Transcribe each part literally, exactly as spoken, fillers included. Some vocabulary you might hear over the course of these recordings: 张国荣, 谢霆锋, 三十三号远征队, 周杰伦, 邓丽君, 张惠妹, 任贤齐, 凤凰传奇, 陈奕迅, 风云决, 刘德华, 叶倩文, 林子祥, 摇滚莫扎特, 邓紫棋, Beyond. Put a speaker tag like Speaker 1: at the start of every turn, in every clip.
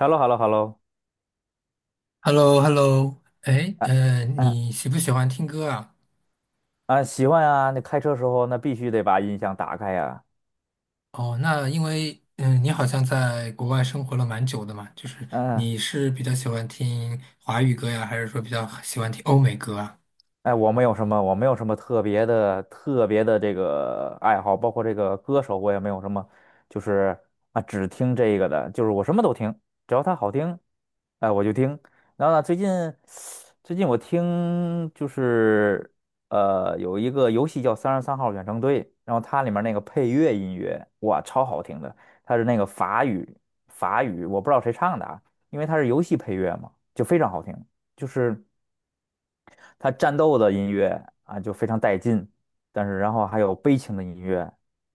Speaker 1: h e l l o h e l l o h e l l o
Speaker 2: h e l l o h e l l o 哎，
Speaker 1: 啊
Speaker 2: 呃，
Speaker 1: 啊
Speaker 2: 你喜不喜欢听歌啊？
Speaker 1: 啊！喜欢啊！那开车时候那必须得把音响打开呀、
Speaker 2: 哦，那因为嗯，你好像在国外生活了蛮久的嘛，就是
Speaker 1: 嗯、
Speaker 2: 你是比较喜欢听华语歌呀，还是说比较喜欢听欧美歌啊？
Speaker 1: 哎，我没有什么，我没有什么特别的、特别的这个爱好，包括这个歌手，我也没有什么，就是啊，只听这个的，就是我什么都听，只要它好听，哎，我就听。然后呢，最近最近我听就是呃，有一个游戏叫《三十三号远征队》，然后它里面那个配乐音乐，哇，超好听的，它是那个法语法语，我不知道谁唱的啊，因为它是游戏配乐嘛，就非常好听，就是。他战斗的音乐啊就非常带劲，但是然后还有悲情的音乐，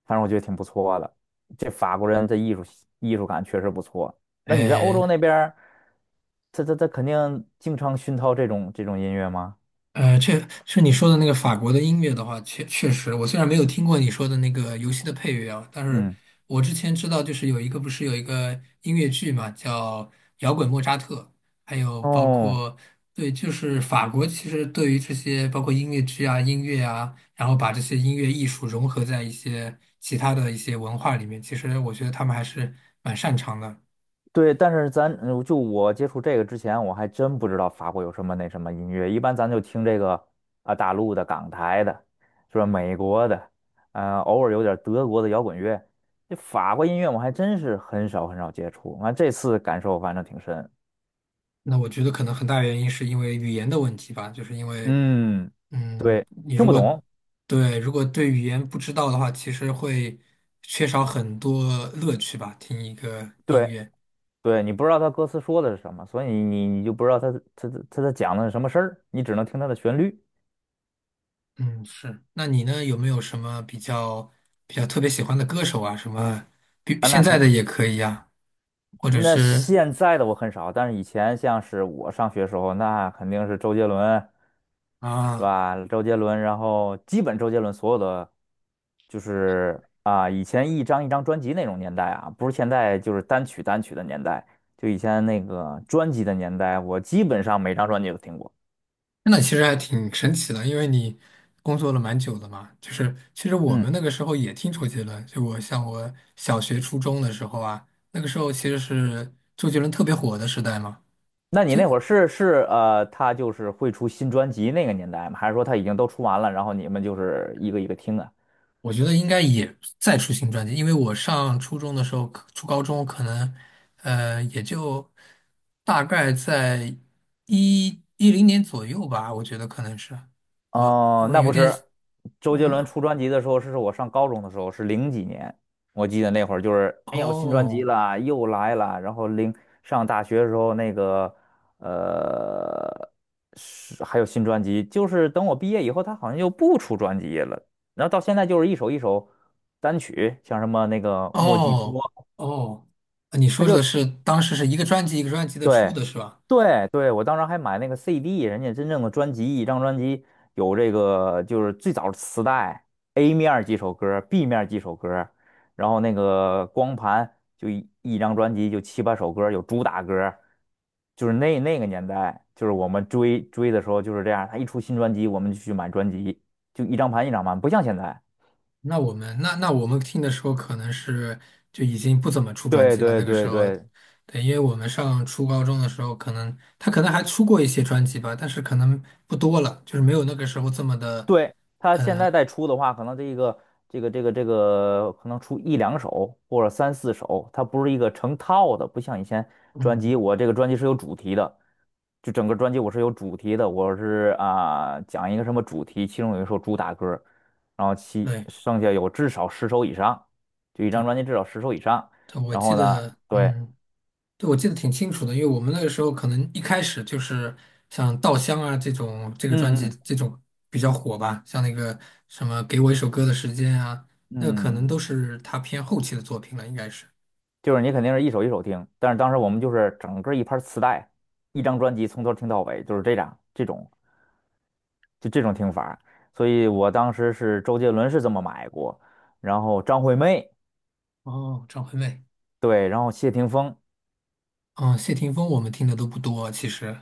Speaker 1: 反正我觉得挺不错的。这法国人的艺术艺术感确实不错。那你在欧
Speaker 2: 哎，
Speaker 1: 洲那边儿他他他肯定经常熏陶这种这种音乐吗？
Speaker 2: 呃，确是你说的那个法国的音乐的话，确确实，我虽然没有听过你说的那个游戏的配乐啊，但是
Speaker 1: 嗯，
Speaker 2: 我之前知道，就是有一个不是有一个音乐剧嘛，叫《摇滚莫扎特》，还有包
Speaker 1: 哦，
Speaker 2: 括对，就是法国其实对于这些包括音乐剧啊、音乐啊，然后把这些音乐艺术融合在一些其他的一些文化里面，其实我觉得他们还是蛮擅长的。
Speaker 1: 对，但是咱呃就我接触这个之前，我还真不知道法国有什么那什么音乐。一般咱就听这个啊，大陆的、港台的，是吧？美国的，呃，偶尔有点德国的摇滚乐。这法国音乐我还真是很少很少接触，完这次感受反正挺深。
Speaker 2: 那我觉得可能很大原因是因为语言的问题吧，就是因为，
Speaker 1: 嗯，
Speaker 2: 嗯，
Speaker 1: 对，
Speaker 2: 你
Speaker 1: 听
Speaker 2: 如
Speaker 1: 不
Speaker 2: 果
Speaker 1: 懂，
Speaker 2: 对如果对语言不知道的话，其实会缺少很多乐趣吧，听一个音
Speaker 1: 对
Speaker 2: 乐。
Speaker 1: 对，你不知道他歌词说的是什么，所以你你就不知道他他他他讲的是什么事儿，你只能听他的旋律
Speaker 2: 嗯，是。那你呢，有没有什么比较比较特别喜欢的歌手啊？什么，比
Speaker 1: 啊，
Speaker 2: 现
Speaker 1: 那
Speaker 2: 在的
Speaker 1: 肯。
Speaker 2: 也可以啊，或者
Speaker 1: 那
Speaker 2: 是
Speaker 1: 现在的我很少，但是以前像是我上学时候，那肯定是周杰伦，是
Speaker 2: 啊。
Speaker 1: 吧？周杰伦，然后基本周杰伦所有的，就是啊，以前一张一张专辑那种年代啊，不是现在就是单曲单曲的年代，就以前那个专辑的年代，我基本上每张专辑都听过。
Speaker 2: 那其实还挺神奇的，因为你工作了蛮久的嘛。就是其实我们
Speaker 1: 嗯，
Speaker 2: 那个时候也听周杰伦，就我像我小学、初中的时候啊，那个时候其实是周杰伦特别火的时代嘛。
Speaker 1: 那你那会儿是是呃，他就是会出新专辑那个年代吗？还是说他已经都出完了，然后你们就是一个一个听啊？
Speaker 2: 我觉得应该也在出新专辑，因为我上初中的时候，初高中可能呃也就大概在一一零年左右吧，我觉得可能是我
Speaker 1: 哦，
Speaker 2: 我
Speaker 1: 那
Speaker 2: 有
Speaker 1: 不
Speaker 2: 点
Speaker 1: 是，周杰
Speaker 2: 嗯
Speaker 1: 伦出专辑的时候是我上高中的时候，是零几年，我记得那会儿就是，哎呀我新专辑
Speaker 2: 哦。
Speaker 1: 了，又来了。然后零上大学的时候，那个呃，是还有新专辑，就是等我毕业以后，他好像又不出专辑了。然后到现在就是一首一首单曲，像什么那个莫吉托，
Speaker 2: 哦哦，呃你
Speaker 1: 他
Speaker 2: 说的
Speaker 1: 就。
Speaker 2: 是当时是一个专辑一个专辑的出
Speaker 1: 对，
Speaker 2: 的是吧？
Speaker 1: 对，对，我当时还买那个 C D，人家真正的专辑，一张专辑有这个就是最早的磁带，A 面儿几首歌儿 b 面儿几首歌儿然后那个光盘就一一张专辑就七八首歌儿有主打歌儿就是那那个年代，就是我们追追的时候就是这样，他一出新专辑我们就去买专辑，就一张盘一张盘，不像现在。
Speaker 2: 那我们那那我们听的时候可能是就已经不怎么出专
Speaker 1: 对
Speaker 2: 辑了，
Speaker 1: 对
Speaker 2: 那个时
Speaker 1: 对
Speaker 2: 候，
Speaker 1: 对，
Speaker 2: 对，因为我们上初高中的时候，可能他可能还出过一些专辑吧，但是可能不多了，就是没有那个时候这么的，
Speaker 1: 对，他现在
Speaker 2: 呃
Speaker 1: 再出的话，可能这一个这个这个这个可能出一两首或者三四首，它不是一个成套的，不像以前专辑，
Speaker 2: 嗯，
Speaker 1: 我这个专辑是有主题的，就整个专辑我是有主题的，我是啊、讲一个什么主题，其中有一首主打歌，然后其
Speaker 2: 对
Speaker 1: 剩下有至少十首以上，就一张
Speaker 2: 对。
Speaker 1: 专辑至少十首以上，
Speaker 2: 对我
Speaker 1: 然
Speaker 2: 记
Speaker 1: 后呢，
Speaker 2: 得，
Speaker 1: 对，
Speaker 2: 嗯，对，我记得挺清楚的，因为我们那个时候可能一开始就是像《稻香》啊这种这个专
Speaker 1: 嗯
Speaker 2: 辑
Speaker 1: 嗯
Speaker 2: 这种比较火吧，像那个什么《给我一首歌的时间》啊，那个可能
Speaker 1: 嗯。
Speaker 2: 都是他偏后期的作品了，应该是。
Speaker 1: 就是你肯定是一首一首听，但是当时我们就是整个一盘磁带，一张专辑从头听到尾，就是这样这种就这种听法所以我当时是周杰伦是这么买过，然后张惠妹，
Speaker 2: 哦，张惠妹，
Speaker 1: 对，然后谢霆锋。
Speaker 2: 嗯，谢霆锋我们听的都不多，其实，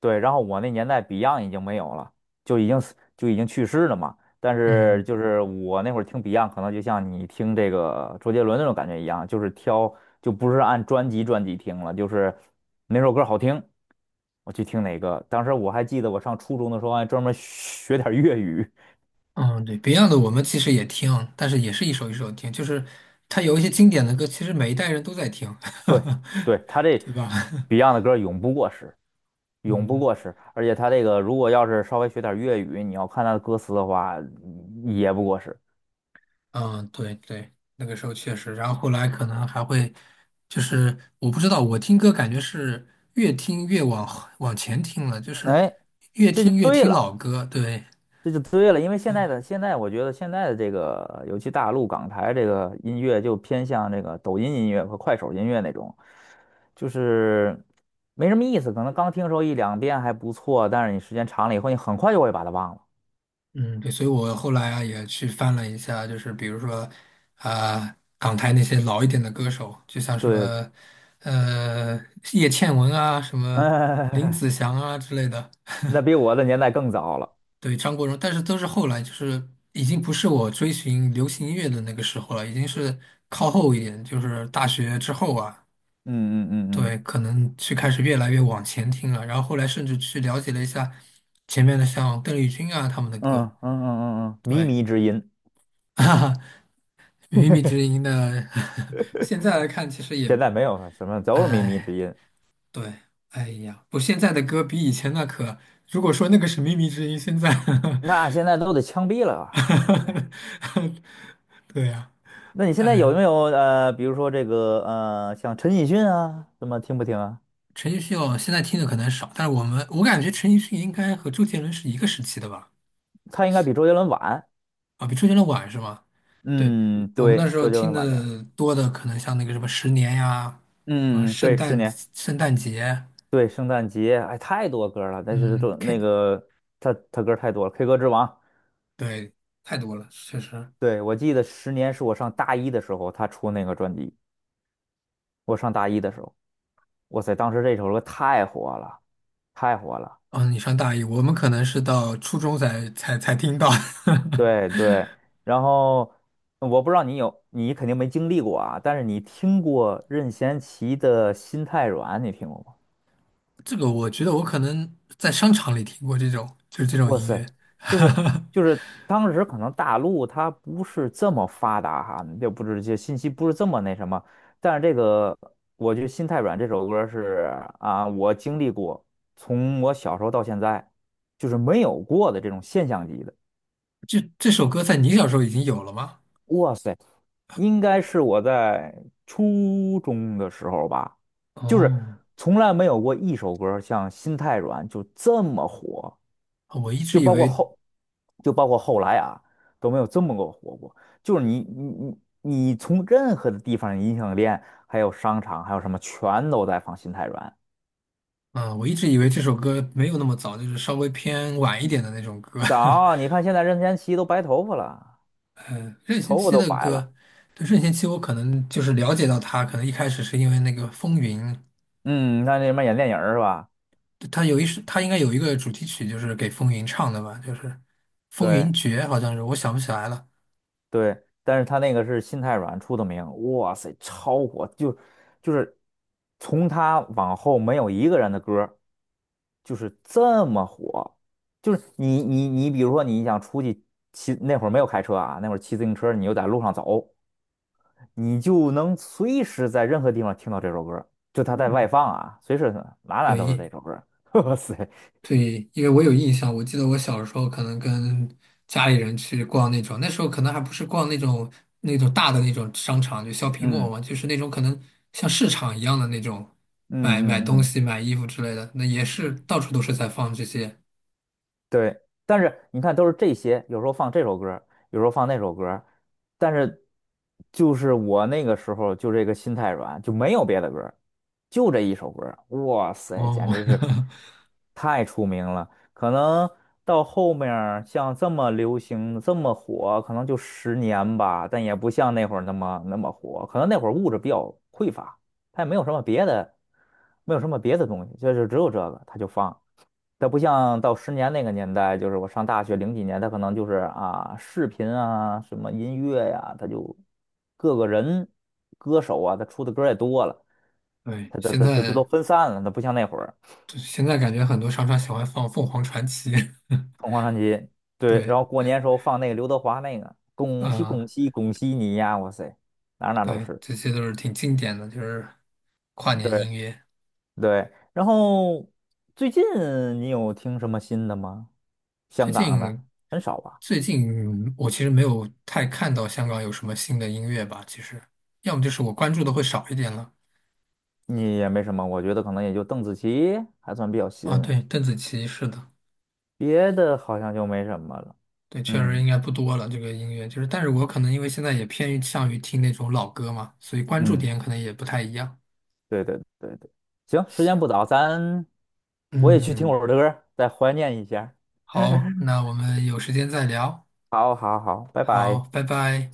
Speaker 1: 对，然后我那年代 Beyond 已经没有了，就已经死就已经去世了嘛。但是
Speaker 2: 嗯
Speaker 1: 就是我那会儿听 Beyond，可能就像你听这个周杰伦那种感觉一样，就是挑就不是按专辑专辑听了，就是哪首歌好听，我去听哪个。当时我还记得我上初中的时候还专门学点儿粤语。
Speaker 2: 嗯，对，Beyond 的我们其实也听，但是也是一首一首听，就是他有一些经典的歌，其实每一代人都在听，
Speaker 1: 对，对，他 这
Speaker 2: 对吧？
Speaker 1: Beyond 的歌永不过时，永不
Speaker 2: 嗯。
Speaker 1: 过时。而且他这个如果要是稍微学点儿粤语，你要看他的歌词的话，也不过时。
Speaker 2: 嗯，对对，那个时候确实，然后后来可能还会，就是我不知道，我听歌感觉是越听越往后往前听了，就是
Speaker 1: 哎，
Speaker 2: 越
Speaker 1: 这就
Speaker 2: 听越
Speaker 1: 对
Speaker 2: 听
Speaker 1: 了，
Speaker 2: 老歌，对，
Speaker 1: 这就对了，因为现在的现在，我觉得现在的这个，尤其大陆港台这个音乐，就偏向这个抖音音乐和快手音乐那种，就是没什么意思。可能刚听时候一两遍还不错，但是你时间长了以后，你很快就会把它忘了。
Speaker 2: 嗯，对，所以我后来啊也去翻了一下，就是比如说啊、港台那些老一点的歌手，就像什
Speaker 1: 对，
Speaker 2: 么呃叶倩文啊，什么林
Speaker 1: 哎，
Speaker 2: 子祥啊之类的，
Speaker 1: 那比我的年代更早了。
Speaker 2: 对，张国荣，但是都是后来，就是已经不是我追寻流行音乐的那个时候了，已经是靠后一点，就是大学之后啊，
Speaker 1: 嗯嗯嗯
Speaker 2: 对，
Speaker 1: 嗯
Speaker 2: 可能去开始越来越往前听了，然后后来甚至去了解了一下前面的像邓丽君啊他们的
Speaker 1: 嗯
Speaker 2: 歌，
Speaker 1: 嗯嗯嗯嗯，靡
Speaker 2: 对，
Speaker 1: 靡之音，
Speaker 2: 哈哈，靡靡之音的，现在来看其实也，
Speaker 1: 现在没有什么，都是靡靡
Speaker 2: 哎，
Speaker 1: 之音。
Speaker 2: 对，哎呀，不，现在的歌比以前那可，如果说那个是靡靡之音，现在
Speaker 1: 那现在都得枪毙了吧？现在都得。
Speaker 2: 对呀、
Speaker 1: 那你现在有没有呃，比如说这个呃，像陈奕迅啊，什么听不听啊？
Speaker 2: 陈奕迅哦，现在听的可能少，但是我们我感觉陈奕迅应该和周杰伦是一个时期的吧？
Speaker 1: 他应该比周杰伦晚。
Speaker 2: 啊，比周杰伦晚是吗？对，
Speaker 1: 嗯，
Speaker 2: 我们那
Speaker 1: 对，
Speaker 2: 时候
Speaker 1: 周杰
Speaker 2: 听
Speaker 1: 伦晚点儿。
Speaker 2: 的多的可能像那个什么《十年》呀，什么
Speaker 1: 嗯，
Speaker 2: 圣
Speaker 1: 对，十
Speaker 2: 诞
Speaker 1: 年，
Speaker 2: 圣诞节，
Speaker 1: 对，圣诞节，哎，太多歌了。但是
Speaker 2: 嗯
Speaker 1: 这那
Speaker 2: ，K，
Speaker 1: 个他他歌太多了，《K 歌之王》。
Speaker 2: 对，太多了，确实。
Speaker 1: 对，我记得《十年》是我上大一的时候他出那个专辑，我上大一的时候，哇塞，当时这首歌太火了，太火了。
Speaker 2: 嗯，你上大一，我们可能是到初中才才才听到
Speaker 1: 对对，然后嗯我不知道你有，你肯定没经历过啊，但是你听过任贤齐的《心太软》，你听过吗？
Speaker 2: 这个，我觉得我可能在商场里听过这种，就是这种
Speaker 1: 哇
Speaker 2: 音乐。
Speaker 1: 塞，就是 就是当时可能大陆它不是这么发达哈，就不是这些信息不是这么那什么，但是这个我觉得《心太软》这首歌是啊，我经历过，从我小时候到现在就是没有过的这种现象级的。
Speaker 2: 这这首歌在你小时候已经有了吗？
Speaker 1: 哇塞，应该是我在初中的时候吧，就是
Speaker 2: 哦，
Speaker 1: 从来没有过一首歌像《心太软》就这么火，
Speaker 2: 我一直
Speaker 1: 就
Speaker 2: 以
Speaker 1: 包括
Speaker 2: 为，
Speaker 1: 后，就包括后来啊都没有这么个火过。就是你你你你从任何的地方，音像店还有商场还有什么，全都在放《心太软》。
Speaker 2: 嗯，我一直以为这首歌没有那么早，就是稍微偏晚一点的那种歌。
Speaker 1: 早，你看现在任贤齐都白头发了，
Speaker 2: 呃，任贤
Speaker 1: 头发
Speaker 2: 齐
Speaker 1: 都
Speaker 2: 的
Speaker 1: 白了，
Speaker 2: 歌，对任贤齐，我可能就是了解到他，可能一开始是因为那个《风云》，
Speaker 1: 嗯，你看那什么演电影儿是吧？
Speaker 2: 他有一首，他应该有一个主题曲，就是给《风云》唱的吧，就是《风
Speaker 1: 对。
Speaker 2: 云决》，好像是，我想不起来了。
Speaker 1: 对，但是他那个是心太软出的名，哇塞，超火，就就是从他往后没有一个人的歌儿就是这么火，就是你你你，比如说你想出去骑，那会儿没有开车啊，那会儿骑自行车，你又在路上走，你就能随时在任何地方听到这首歌儿就他在外放啊，随时哪哪都是
Speaker 2: 对，
Speaker 1: 这首歌儿 哇塞，
Speaker 2: 对，因为我有印象，我记得我小时候可能跟家里人去逛那种，那时候可能还不是逛那种那种大的那种商场，就 shopping mall
Speaker 1: 嗯
Speaker 2: 嘛，就是那种可能像市场一样的那种，
Speaker 1: 嗯
Speaker 2: 买买东
Speaker 1: 嗯嗯
Speaker 2: 西、买衣服之类的，那也是
Speaker 1: 嗯
Speaker 2: 到处都是在放这些。
Speaker 1: 对，但是你看，都是这些，有时候放这首歌儿有时候放那首歌儿但是就是我那个时候就这个心太软，就没有别的歌儿就这一首歌儿哇塞，简
Speaker 2: 哦，
Speaker 1: 直是 太出名了。可能到后面儿像这么流行、这么火，可能就十年吧，但也不像那会儿那么那么火。可能那会儿物质比较匮乏，他也没有什么别的，没有什么别的东西，就是只有这个，他就放。它不像到十年那个年代，就是我上大学零几年，它可能就是啊，视频啊，什么音乐呀、它就各个人歌手啊，他出的歌也多了，
Speaker 2: 对，
Speaker 1: 它它
Speaker 2: 现
Speaker 1: 它这这都
Speaker 2: 在
Speaker 1: 分散了，它不像那会儿
Speaker 2: 现在感觉很多商场喜欢放凤凰传奇，
Speaker 1: 凤凰传奇，对，然
Speaker 2: 对
Speaker 1: 后过年时候放那个刘德华那个恭喜恭
Speaker 2: 啊，
Speaker 1: 喜恭喜你呀，哇塞，哪儿哪儿都
Speaker 2: 对，
Speaker 1: 是，
Speaker 2: 这些都是挺经典的，就是跨年
Speaker 1: 对
Speaker 2: 音乐。
Speaker 1: 对，然后最近你有听什么新的吗？
Speaker 2: 最
Speaker 1: 香港的
Speaker 2: 近
Speaker 1: 很少吧。
Speaker 2: 最近我其实没有太看到香港有什么新的音乐吧，其实要么就是我关注的会少一点了。
Speaker 1: 你也没什么，我觉得可能也就邓紫棋还算比较新，
Speaker 2: 啊，对，邓紫棋是的，
Speaker 1: 别的好像就没什么了。
Speaker 2: 对，确实
Speaker 1: 嗯
Speaker 2: 应该不多了这个音乐，就是但是我可能因为现在也偏向于听那种老歌嘛，所以关注
Speaker 1: 嗯，
Speaker 2: 点可能也不太一样。
Speaker 1: 对对对对，行，时间
Speaker 2: 行，
Speaker 1: 不早，咱我也去听会
Speaker 2: 嗯，
Speaker 1: 儿歌儿，再怀念一下。
Speaker 2: 好，那我们有时间再聊。
Speaker 1: 好，好，好，拜
Speaker 2: 好，
Speaker 1: 拜。
Speaker 2: 拜拜。